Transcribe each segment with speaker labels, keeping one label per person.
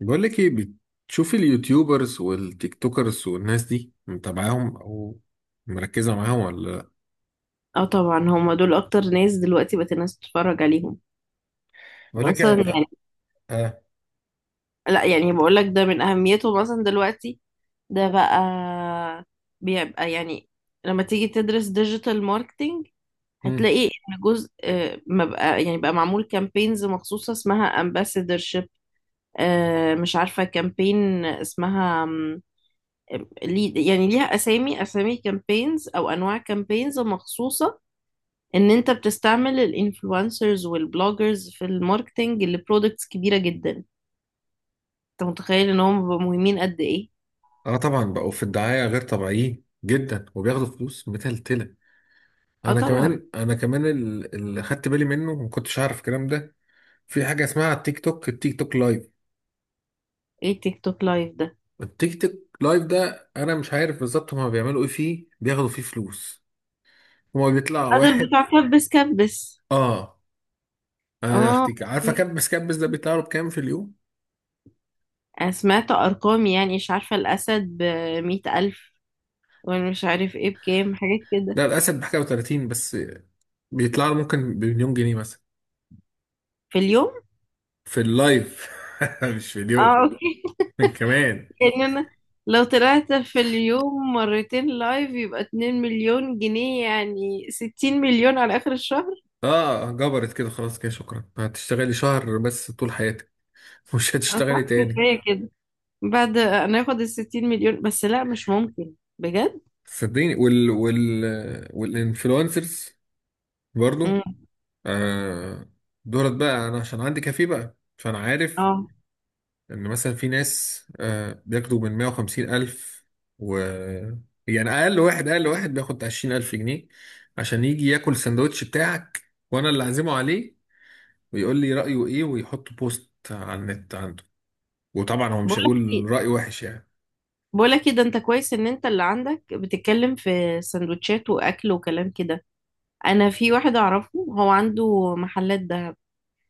Speaker 1: بقول لك ايه؟ بتشوفي اليوتيوبرز والتيك توكرز والناس دي متابعاهم او مركزه معاهم ولا لا؟
Speaker 2: اه، طبعا هما دول اكتر ناس دلوقتي بقت الناس تتفرج عليهم
Speaker 1: بقول لك
Speaker 2: اصلا
Speaker 1: اه.
Speaker 2: يعني.
Speaker 1: اه.
Speaker 2: لا، يعني بقول لك ده من اهميته مثلا دلوقتي. ده بقى بيبقى يعني لما تيجي تدرس ديجيتال ماركتينج
Speaker 1: مم.
Speaker 2: هتلاقي ان جزء ما بقى يعني بقى معمول كامبينز مخصوصة اسمها ambassadorship. مش عارفة كامبين اسمها يعني ليها اسامي اسامي كامبينز او انواع كامبينز مخصوصة، ان انت بتستعمل الانفلونسرز والبلوجرز في الماركتنج لبرودكتس كبيرة جدا. انت متخيل ان هم بيبقوا مهمين قد ايه؟
Speaker 1: آه طبعا بقوا في الدعايه غير طبيعيين جدا وبياخدوا فلوس متلتله.
Speaker 2: اه
Speaker 1: انا
Speaker 2: طبعا.
Speaker 1: كمان انا كمان اللي خدت بالي منه، ما كنتش عارف الكلام ده. في حاجه اسمها التيك توك لايف.
Speaker 2: ايه تيك توك لايف ده؟
Speaker 1: التيك توك لايف ده انا مش عارف بالظبط هما بيعملوا ايه فيه، بياخدوا فيه فلوس. هما بيطلع
Speaker 2: قادر
Speaker 1: واحد.
Speaker 2: بتاع كبس كبس.
Speaker 1: اه. انا يا
Speaker 2: اه،
Speaker 1: اختي عارفه
Speaker 2: أوكي.
Speaker 1: كبس كبس ده بيطلع له بكام في اليوم؟
Speaker 2: انا سمعت ارقام، يعني مش عارفة الاسد بمية الف، ومش عارف ايه بكام حاجات كده.
Speaker 1: ده الاسد بحاجه و30 بس، بيطلع له ممكن بمليون جنيه مثلا.
Speaker 2: في اليوم؟
Speaker 1: في اللايف، مش في
Speaker 2: اه،
Speaker 1: اليوم.
Speaker 2: اوكي.
Speaker 1: من كمان.
Speaker 2: يعني انا لو طلعت في اليوم مرتين لايف يبقى 2 مليون جنيه، يعني 60 مليون على اخر الشهر.
Speaker 1: اه جبرت كده، خلاص كده شكرا، هتشتغلي شهر بس طول حياتك، مش
Speaker 2: اه صح،
Speaker 1: هتشتغلي تاني.
Speaker 2: كفاية كده. بعد ناخد 60 مليون، بس لا مش ممكن، بجد.
Speaker 1: صدقيني وال والانفلونسرز برضو.
Speaker 2: امم
Speaker 1: آه. دولت بقى، انا عشان عندي كافيه بقى فانا عارف
Speaker 2: اه،
Speaker 1: ان مثلا في ناس، بياخدوا من 150 الف و، يعني اقل واحد بياخد بتاع 20 الف جنيه عشان يجي ياكل السندوتش بتاعك وانا اللي اعزمه عليه، ويقول لي رايه ايه، ويحط بوست على النت عنده. وطبعا هو مش
Speaker 2: بقولك
Speaker 1: هيقول
Speaker 2: ايه،
Speaker 1: راي وحش يعني.
Speaker 2: بقولك ايه، ده انت كويس ان انت اللي عندك بتتكلم في سندوتشات واكل وكلام كده. انا في واحد اعرفه هو عنده محلات دهب،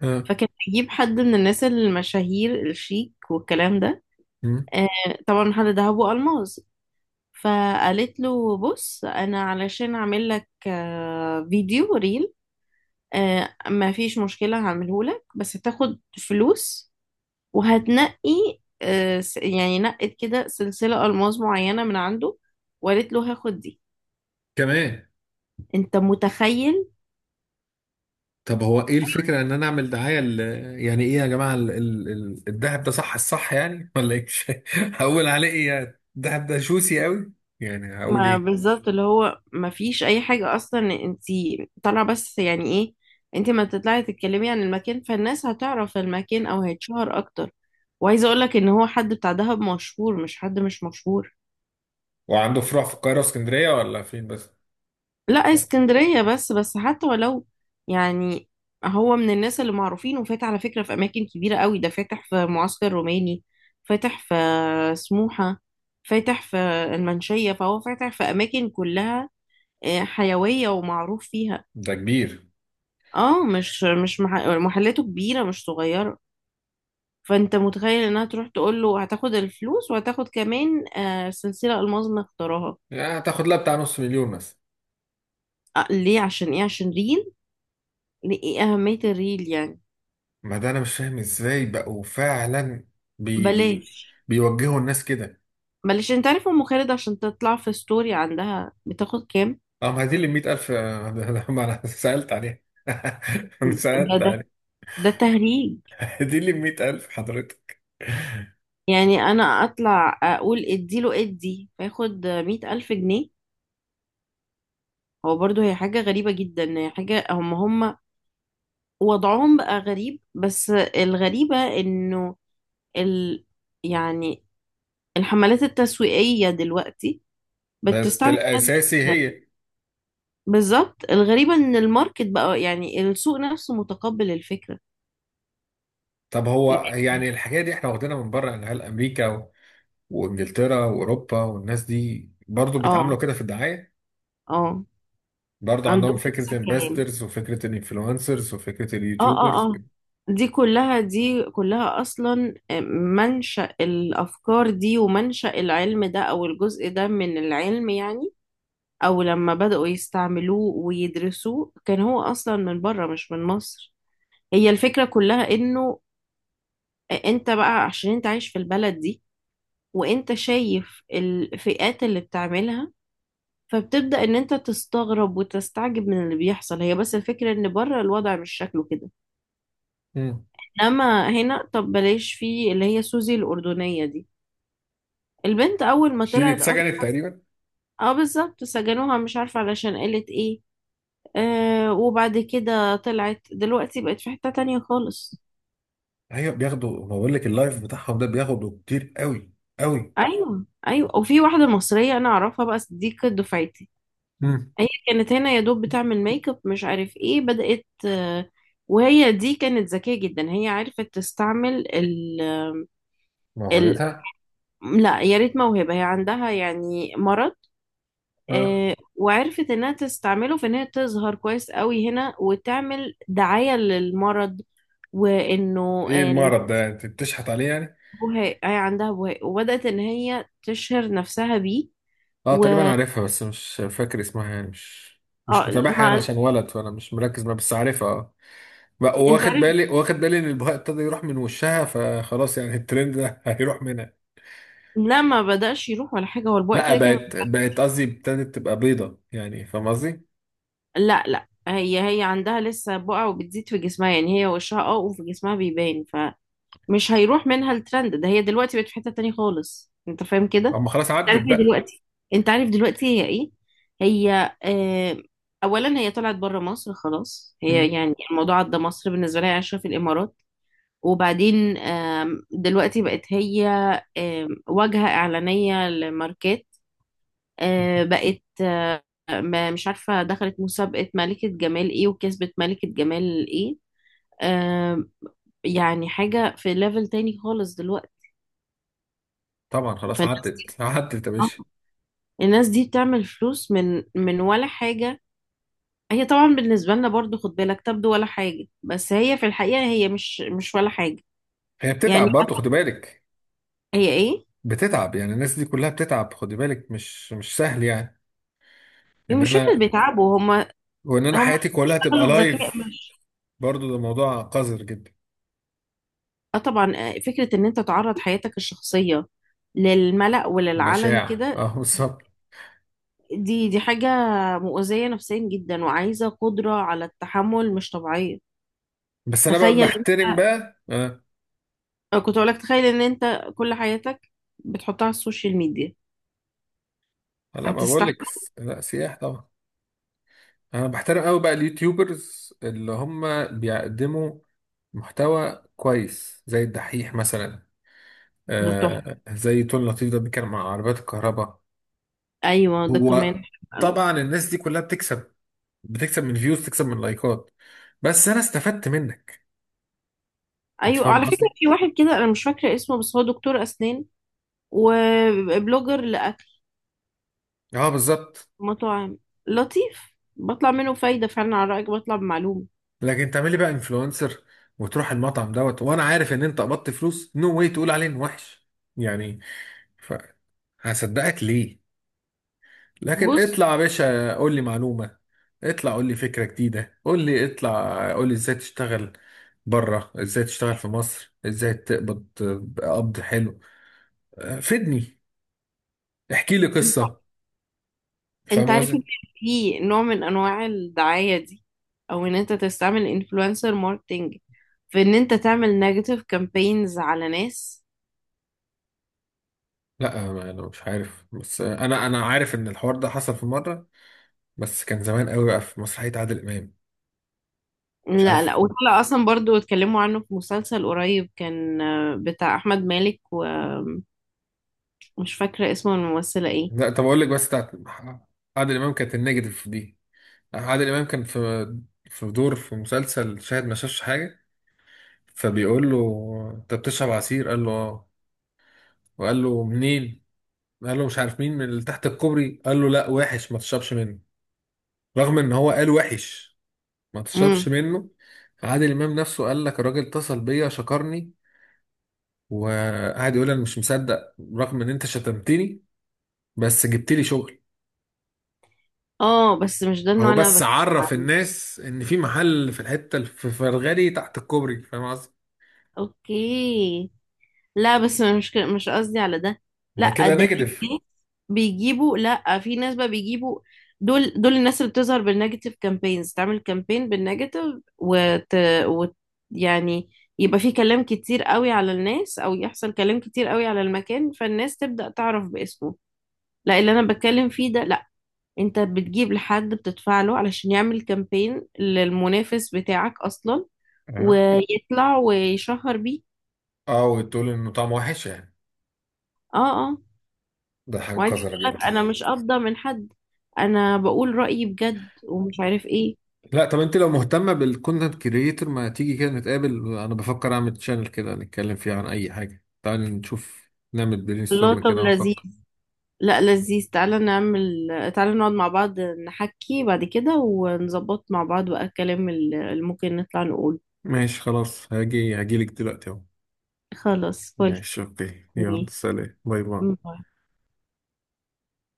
Speaker 1: اه.
Speaker 2: فكان بيجيب حد من الناس المشاهير الشيك والكلام ده.
Speaker 1: مم.
Speaker 2: آه طبعا، محل دهب والماس. فقالت له بص، انا علشان اعمل لك فيديو ريل، ما فيش مشكلة هعمله لك بس هتاخد فلوس وهتنقي يعني نقت كده سلسلة ألماس معينة من عنده، وقالت له هاخد دي.
Speaker 1: كمان.
Speaker 2: انت متخيل؟
Speaker 1: طب هو ايه الفكره ان انا اعمل دعايه ل... يعني ايه يا جماعه الدهب ده صح الصح يعني ولا ايه؟ هقول عليه ايه؟ يعني الدهب ده شوسي قوي؟ يعني هقول
Speaker 2: ما
Speaker 1: إيه؟
Speaker 2: بالظبط، اللي هو ما فيش اي حاجة اصلا، انت طالعة بس، يعني ايه؟ انت ما تطلعي تتكلمي عن المكان، فالناس هتعرف المكان او هيتشهر اكتر. وعايزة اقولك ان هو حد بتاع دهب مشهور، مش حد مش مشهور.
Speaker 1: وعنده فروع في القاهرة واسكندرية ولا فين بس؟
Speaker 2: لا، اسكندرية بس. بس حتى ولو، يعني هو من الناس اللي معروفين، وفات على فكرة في أماكن كبيرة قوي. ده فاتح في معسكر روماني، فاتح في سموحة، فاتح في المنشية، فهو فاتح في أماكن كلها حيوية ومعروف فيها.
Speaker 1: ده كبير.
Speaker 2: اه، مش مش مح- محلاته كبيرة مش صغيرة. فأنت متخيل إنها تروح تقول له هتاخد الفلوس وهتاخد كمان سلسلة ألماظ مختارها.
Speaker 1: يعني هتاخد لها بتاع نص مليون مثلا؟
Speaker 2: ليه؟ عشان إيه؟ عشان ريل. لإيه أهمية الريل يعني.
Speaker 1: ما ده أنا مش فاهم إزاي بقوا فعلا بي
Speaker 2: بلاش،
Speaker 1: بيوجهوا الناس كده.
Speaker 2: معلش. انت عارف ام خالد عشان تطلع في ستوري عندها بتاخد كام؟
Speaker 1: اه ما دي اللي 100,000. ده ما أنا سألت عليها. أنا
Speaker 2: ده
Speaker 1: سألت
Speaker 2: ده
Speaker 1: عليها.
Speaker 2: ده تهريج.
Speaker 1: دي اللي 100,000 حضرتك.
Speaker 2: يعني انا اطلع اقول اديله ادي فياخد 100 الف جنيه؟ هو برضه هي حاجة غريبة جدا. هي حاجة، هم وضعهم بقى غريب، بس الغريبة انه ال يعني الحملات التسويقية دلوقتي
Speaker 1: بس
Speaker 2: بتستعمل ناس زي
Speaker 1: الأساسي
Speaker 2: كده.
Speaker 1: هي.
Speaker 2: بالظبط، الغريبة ان الماركت بقى، يعني السوق نفسه، متقبل الفكرة.
Speaker 1: طب هو
Speaker 2: يعني
Speaker 1: يعني الحكاية دي احنا واخدينها من بره، يعني هل أمريكا وإنجلترا وأوروبا والناس دي برضو بيتعاملوا
Speaker 2: اه،
Speaker 1: كده في الدعاية؟
Speaker 2: اه.
Speaker 1: برضه عندهم
Speaker 2: عندهم نفس
Speaker 1: فكرة
Speaker 2: الكلام.
Speaker 1: امباسترز وفكرة الانفلونسرز وفكرة
Speaker 2: اه، اه،
Speaker 1: اليوتيوبرز.
Speaker 2: اه. دي كلها، دي كلها اصلا منشأ الافكار دي ومنشأ العلم ده، او الجزء ده من العلم يعني. او لما بدأوا يستعملوه ويدرسوه كان هو اصلا من بره مش من مصر. هي الفكرة كلها انه، انت بقى عشان انت عايش في البلد دي، وانت شايف الفئات اللي بتعملها، فبتبدأ ان انت تستغرب وتستعجب من اللي بيحصل. هي بس الفكرة ان بره الوضع مش شكله كده.
Speaker 1: مم.
Speaker 2: انما هنا، طب بلاش، في اللي هي سوزي الأردنية دي. البنت أول ما
Speaker 1: دي اللي
Speaker 2: طلعت
Speaker 1: اتسجنت
Speaker 2: أصلا.
Speaker 1: تقريبا.
Speaker 2: اه بالظبط، سجنوها مش عارفة علشان قالت ايه. وبعد كده طلعت، دلوقتي بقت في حتة تانية خالص.
Speaker 1: ايوه بياخدوا، ما بقول لك اللايف بتاعهم ده بياخدوا كتير قوي قوي.
Speaker 2: أيوه، أيوه. وفي واحدة مصرية أنا أعرفها بقى، دي كانت دفعتي.
Speaker 1: مم.
Speaker 2: هي كانت هنا يا دوب بتعمل ميك اب مش عارف ايه، بدأت وهي دي كانت ذكية جدا. هي عرفت تستعمل ال ال
Speaker 1: موهبتها.
Speaker 2: لا يا ريت موهبة. هي عندها يعني مرض،
Speaker 1: اه.
Speaker 2: وعرفت انها تستعمله في ان هي تظهر كويس قوي هنا وتعمل دعاية للمرض. وانه
Speaker 1: ايه المرض ده انت بتشحت عليه يعني؟
Speaker 2: البهاق. هي عندها بهاق وبدأت ان هي تشهر نفسها بيه.
Speaker 1: اه
Speaker 2: و
Speaker 1: تقريبا عارفها بس مش فاكر اسمها، يعني مش مش
Speaker 2: آه،
Speaker 1: متابعها انا
Speaker 2: ما
Speaker 1: عشان ولد، فانا مش مركز معاها بس عارفها اه.
Speaker 2: انت
Speaker 1: واخد
Speaker 2: عارف.
Speaker 1: بالي واخد بالي ان البهاء ابتدى يروح من وشها، فخلاص يعني الترند ده هيروح منها.
Speaker 2: لا، ما بدأش يروح ولا حاجة، هو البقع
Speaker 1: لا
Speaker 2: كده كان.
Speaker 1: بقت قصدي ابتدت تبقى بيضة، يعني فاهم قصدي.
Speaker 2: لا لا، هي عندها لسه بقع وبتزيد في جسمها، يعني هي وشها اه وفي جسمها بيبان. فمش هيروح منها الترند ده. هي دلوقتي بقت في حتة تانية خالص، انت فاهم كده؟
Speaker 1: اما
Speaker 2: انت
Speaker 1: خلاص عدت
Speaker 2: عارف هي
Speaker 1: بقى.
Speaker 2: دلوقتي؟ انت عارف دلوقتي هي ايه؟ هي اولا هي طلعت بره مصر خلاص. هي
Speaker 1: مم.
Speaker 2: يعني الموضوع عدى مصر بالنسبه لها، هي عايشه في الامارات. وبعدين دلوقتي بقت هي واجهه اعلانيه لماركات. بقت مش عارفه دخلت مسابقه ملكه جمال ايه وكسبت ملكه جمال ايه. آم، يعني حاجه في ليفل تاني خالص دلوقتي.
Speaker 1: طبعا خلاص
Speaker 2: فالناس دي،
Speaker 1: عدت عدت يا
Speaker 2: آه،
Speaker 1: باشا.
Speaker 2: الناس دي بتعمل فلوس من ولا حاجه. هي طبعا بالنسبة لنا برضو، خد بالك، تبدو ولا حاجة، بس هي في الحقيقة هي مش ولا حاجة.
Speaker 1: هي
Speaker 2: يعني
Speaker 1: بتتعب برضه خد
Speaker 2: مثلا
Speaker 1: بالك.
Speaker 2: هي ايه؟
Speaker 1: بتتعب، يعني الناس دي كلها بتتعب خد بالك، مش سهل يعني.
Speaker 2: هي
Speaker 1: ان
Speaker 2: مش فكرة
Speaker 1: انا
Speaker 2: بيتعبوا هم.
Speaker 1: وان انا
Speaker 2: هم
Speaker 1: حياتي كلها تبقى
Speaker 2: اشتغلوا بذكاء،
Speaker 1: لايف.
Speaker 2: مش
Speaker 1: برضه ده موضوع قذر جدا.
Speaker 2: اه طبعا فكرة ان انت تعرض حياتك الشخصية للملأ وللعلن
Speaker 1: مشاع
Speaker 2: كده.
Speaker 1: اه بالظبط.
Speaker 2: دي حاجة مؤذية نفسيا جدا، وعايزة قدرة على التحمل مش طبيعية.
Speaker 1: بس انا بقى
Speaker 2: تخيل
Speaker 1: بحترم
Speaker 2: انت،
Speaker 1: بقى آه.
Speaker 2: كنت اقولك تخيل ان انت كل حياتك بتحطها على السوشيال ميديا،
Speaker 1: لا ما بقول لك.
Speaker 2: هتستحمل؟
Speaker 1: لا سياح طبعا. انا بحترم قوي بقى اليوتيوبرز اللي هم بيقدموا محتوى كويس زي الدحيح مثلا.
Speaker 2: ده تحفة.
Speaker 1: آه زي تون لطيف ده بيتكلم عن عربيات الكهرباء.
Speaker 2: ايوه، ده
Speaker 1: هو
Speaker 2: كمان.
Speaker 1: طبعا الناس دي كلها بتكسب، بتكسب من فيوز، تكسب من لايكات. بس انا استفدت منك. انت
Speaker 2: ايوه،
Speaker 1: فاهم
Speaker 2: على فكره
Speaker 1: قصدي.
Speaker 2: في واحد كده انا مش فاكره اسمه بس هو دكتور اسنان وبلوجر لاكل
Speaker 1: اه بالظبط.
Speaker 2: مطاعم. لطيف، بطلع منه فايده فعلا، على رايك بطلع بمعلومه.
Speaker 1: لكن تعملي بقى انفلونسر وتروح المطعم دوت وانا عارف ان انت قبضت فلوس، نو واي تقول عليه انه وحش يعني. ف، هصدقك ليه؟ لكن
Speaker 2: بص،
Speaker 1: اطلع يا باشا قول لي معلومة، اطلع قول لي فكرة جديدة، قول لي، اطلع قول لي ازاي تشتغل بره، ازاي تشتغل في مصر، ازاي تقبض قبض حلو، آه، فيدني، احكي لي قصة،
Speaker 2: انت
Speaker 1: فاهم
Speaker 2: عارف ان
Speaker 1: قصدي.
Speaker 2: في نوع من انواع الدعايه دي، او ان انت تستعمل انفلونسر ماركتنج في ان انت تعمل نيجاتيف كامبينز على ناس.
Speaker 1: لا ما- انا مش عارف بس، انا عارف ان الحوار ده حصل في مرة، بس كان زمان قوي بقى في مسرحية عادل امام. مش
Speaker 2: لا لا،
Speaker 1: عارف.
Speaker 2: وطلع اصلا برضو اتكلموا عنه في مسلسل قريب، كان بتاع احمد مالك، ومش فاكره اسمه الممثله ايه.
Speaker 1: لا طب اقول لك، بس بتاعت عادل امام كانت النيجاتيف دي. عادل امام كان في، في دور في مسلسل شاهد ما شافش حاجة، فبيقول له انت بتشرب عصير؟ قال له اه. وقال له منين؟ قال له مش عارف مين، من اللي تحت الكوبري. قال له لا وحش ما تشربش منه. رغم ان هو قال وحش ما
Speaker 2: مم.
Speaker 1: تشربش منه، عادل امام نفسه قال لك الراجل اتصل بيا شكرني، وقعد يقول انا مش مصدق، رغم ان انت شتمتني بس جبت لي شغل.
Speaker 2: اه، بس مش ده
Speaker 1: هو
Speaker 2: النوع اللي انا
Speaker 1: بس
Speaker 2: بتكلم
Speaker 1: عرف
Speaker 2: عليه.
Speaker 1: الناس ان في محل في الحته اللي في فرغالي تحت الكوبري، فاهم قصدي.
Speaker 2: اوكي. لا بس مش مش قصدي على ده.
Speaker 1: أنا
Speaker 2: لا،
Speaker 1: كده
Speaker 2: ده في
Speaker 1: نيجاتيف.
Speaker 2: ناس بيجيبوا، لا في ناس بقى بيجيبوا، دول الناس اللي بتظهر بالنيجاتيف كامبينز، تعمل كامبين بالنيجاتيف وت... وت يعني يبقى في كلام كتير قوي على الناس او يحصل كلام كتير قوي على المكان، فالناس تبدأ تعرف باسمه. لا، اللي انا بتكلم فيه ده لا، انت بتجيب لحد بتدفع له علشان يعمل كامبين للمنافس بتاعك اصلا،
Speaker 1: اه
Speaker 2: ويطلع ويشهر بيه.
Speaker 1: اه. وتقول انه طعمه وحش يعني.
Speaker 2: اه، اه.
Speaker 1: ده حاجه
Speaker 2: وعايزه
Speaker 1: قذره
Speaker 2: اقول لك
Speaker 1: جدا.
Speaker 2: انا مش قابضه من حد، انا بقول رايي بجد ومش عارف ايه.
Speaker 1: لا طب انت لو مهتمة بالكونتنت كريتور ما تيجي كده نتقابل؟ انا بفكر اعمل تشانل كده نتكلم فيه عن اي حاجة. تعال نشوف نعمل برين
Speaker 2: الله،
Speaker 1: ستورم
Speaker 2: طب
Speaker 1: كده
Speaker 2: لذيذ.
Speaker 1: ونفكر.
Speaker 2: لا لذيذ، تعالى نعمل، تعالى نقعد مع بعض نحكي بعد كده ونظبط مع بعض بقى الكلام اللي ممكن نطلع نقول.
Speaker 1: ماشي خلاص، هاجي هاجيلك دلوقتي اهو.
Speaker 2: خلاص، فل
Speaker 1: ماشي اوكي، يلا سلام، باي باي.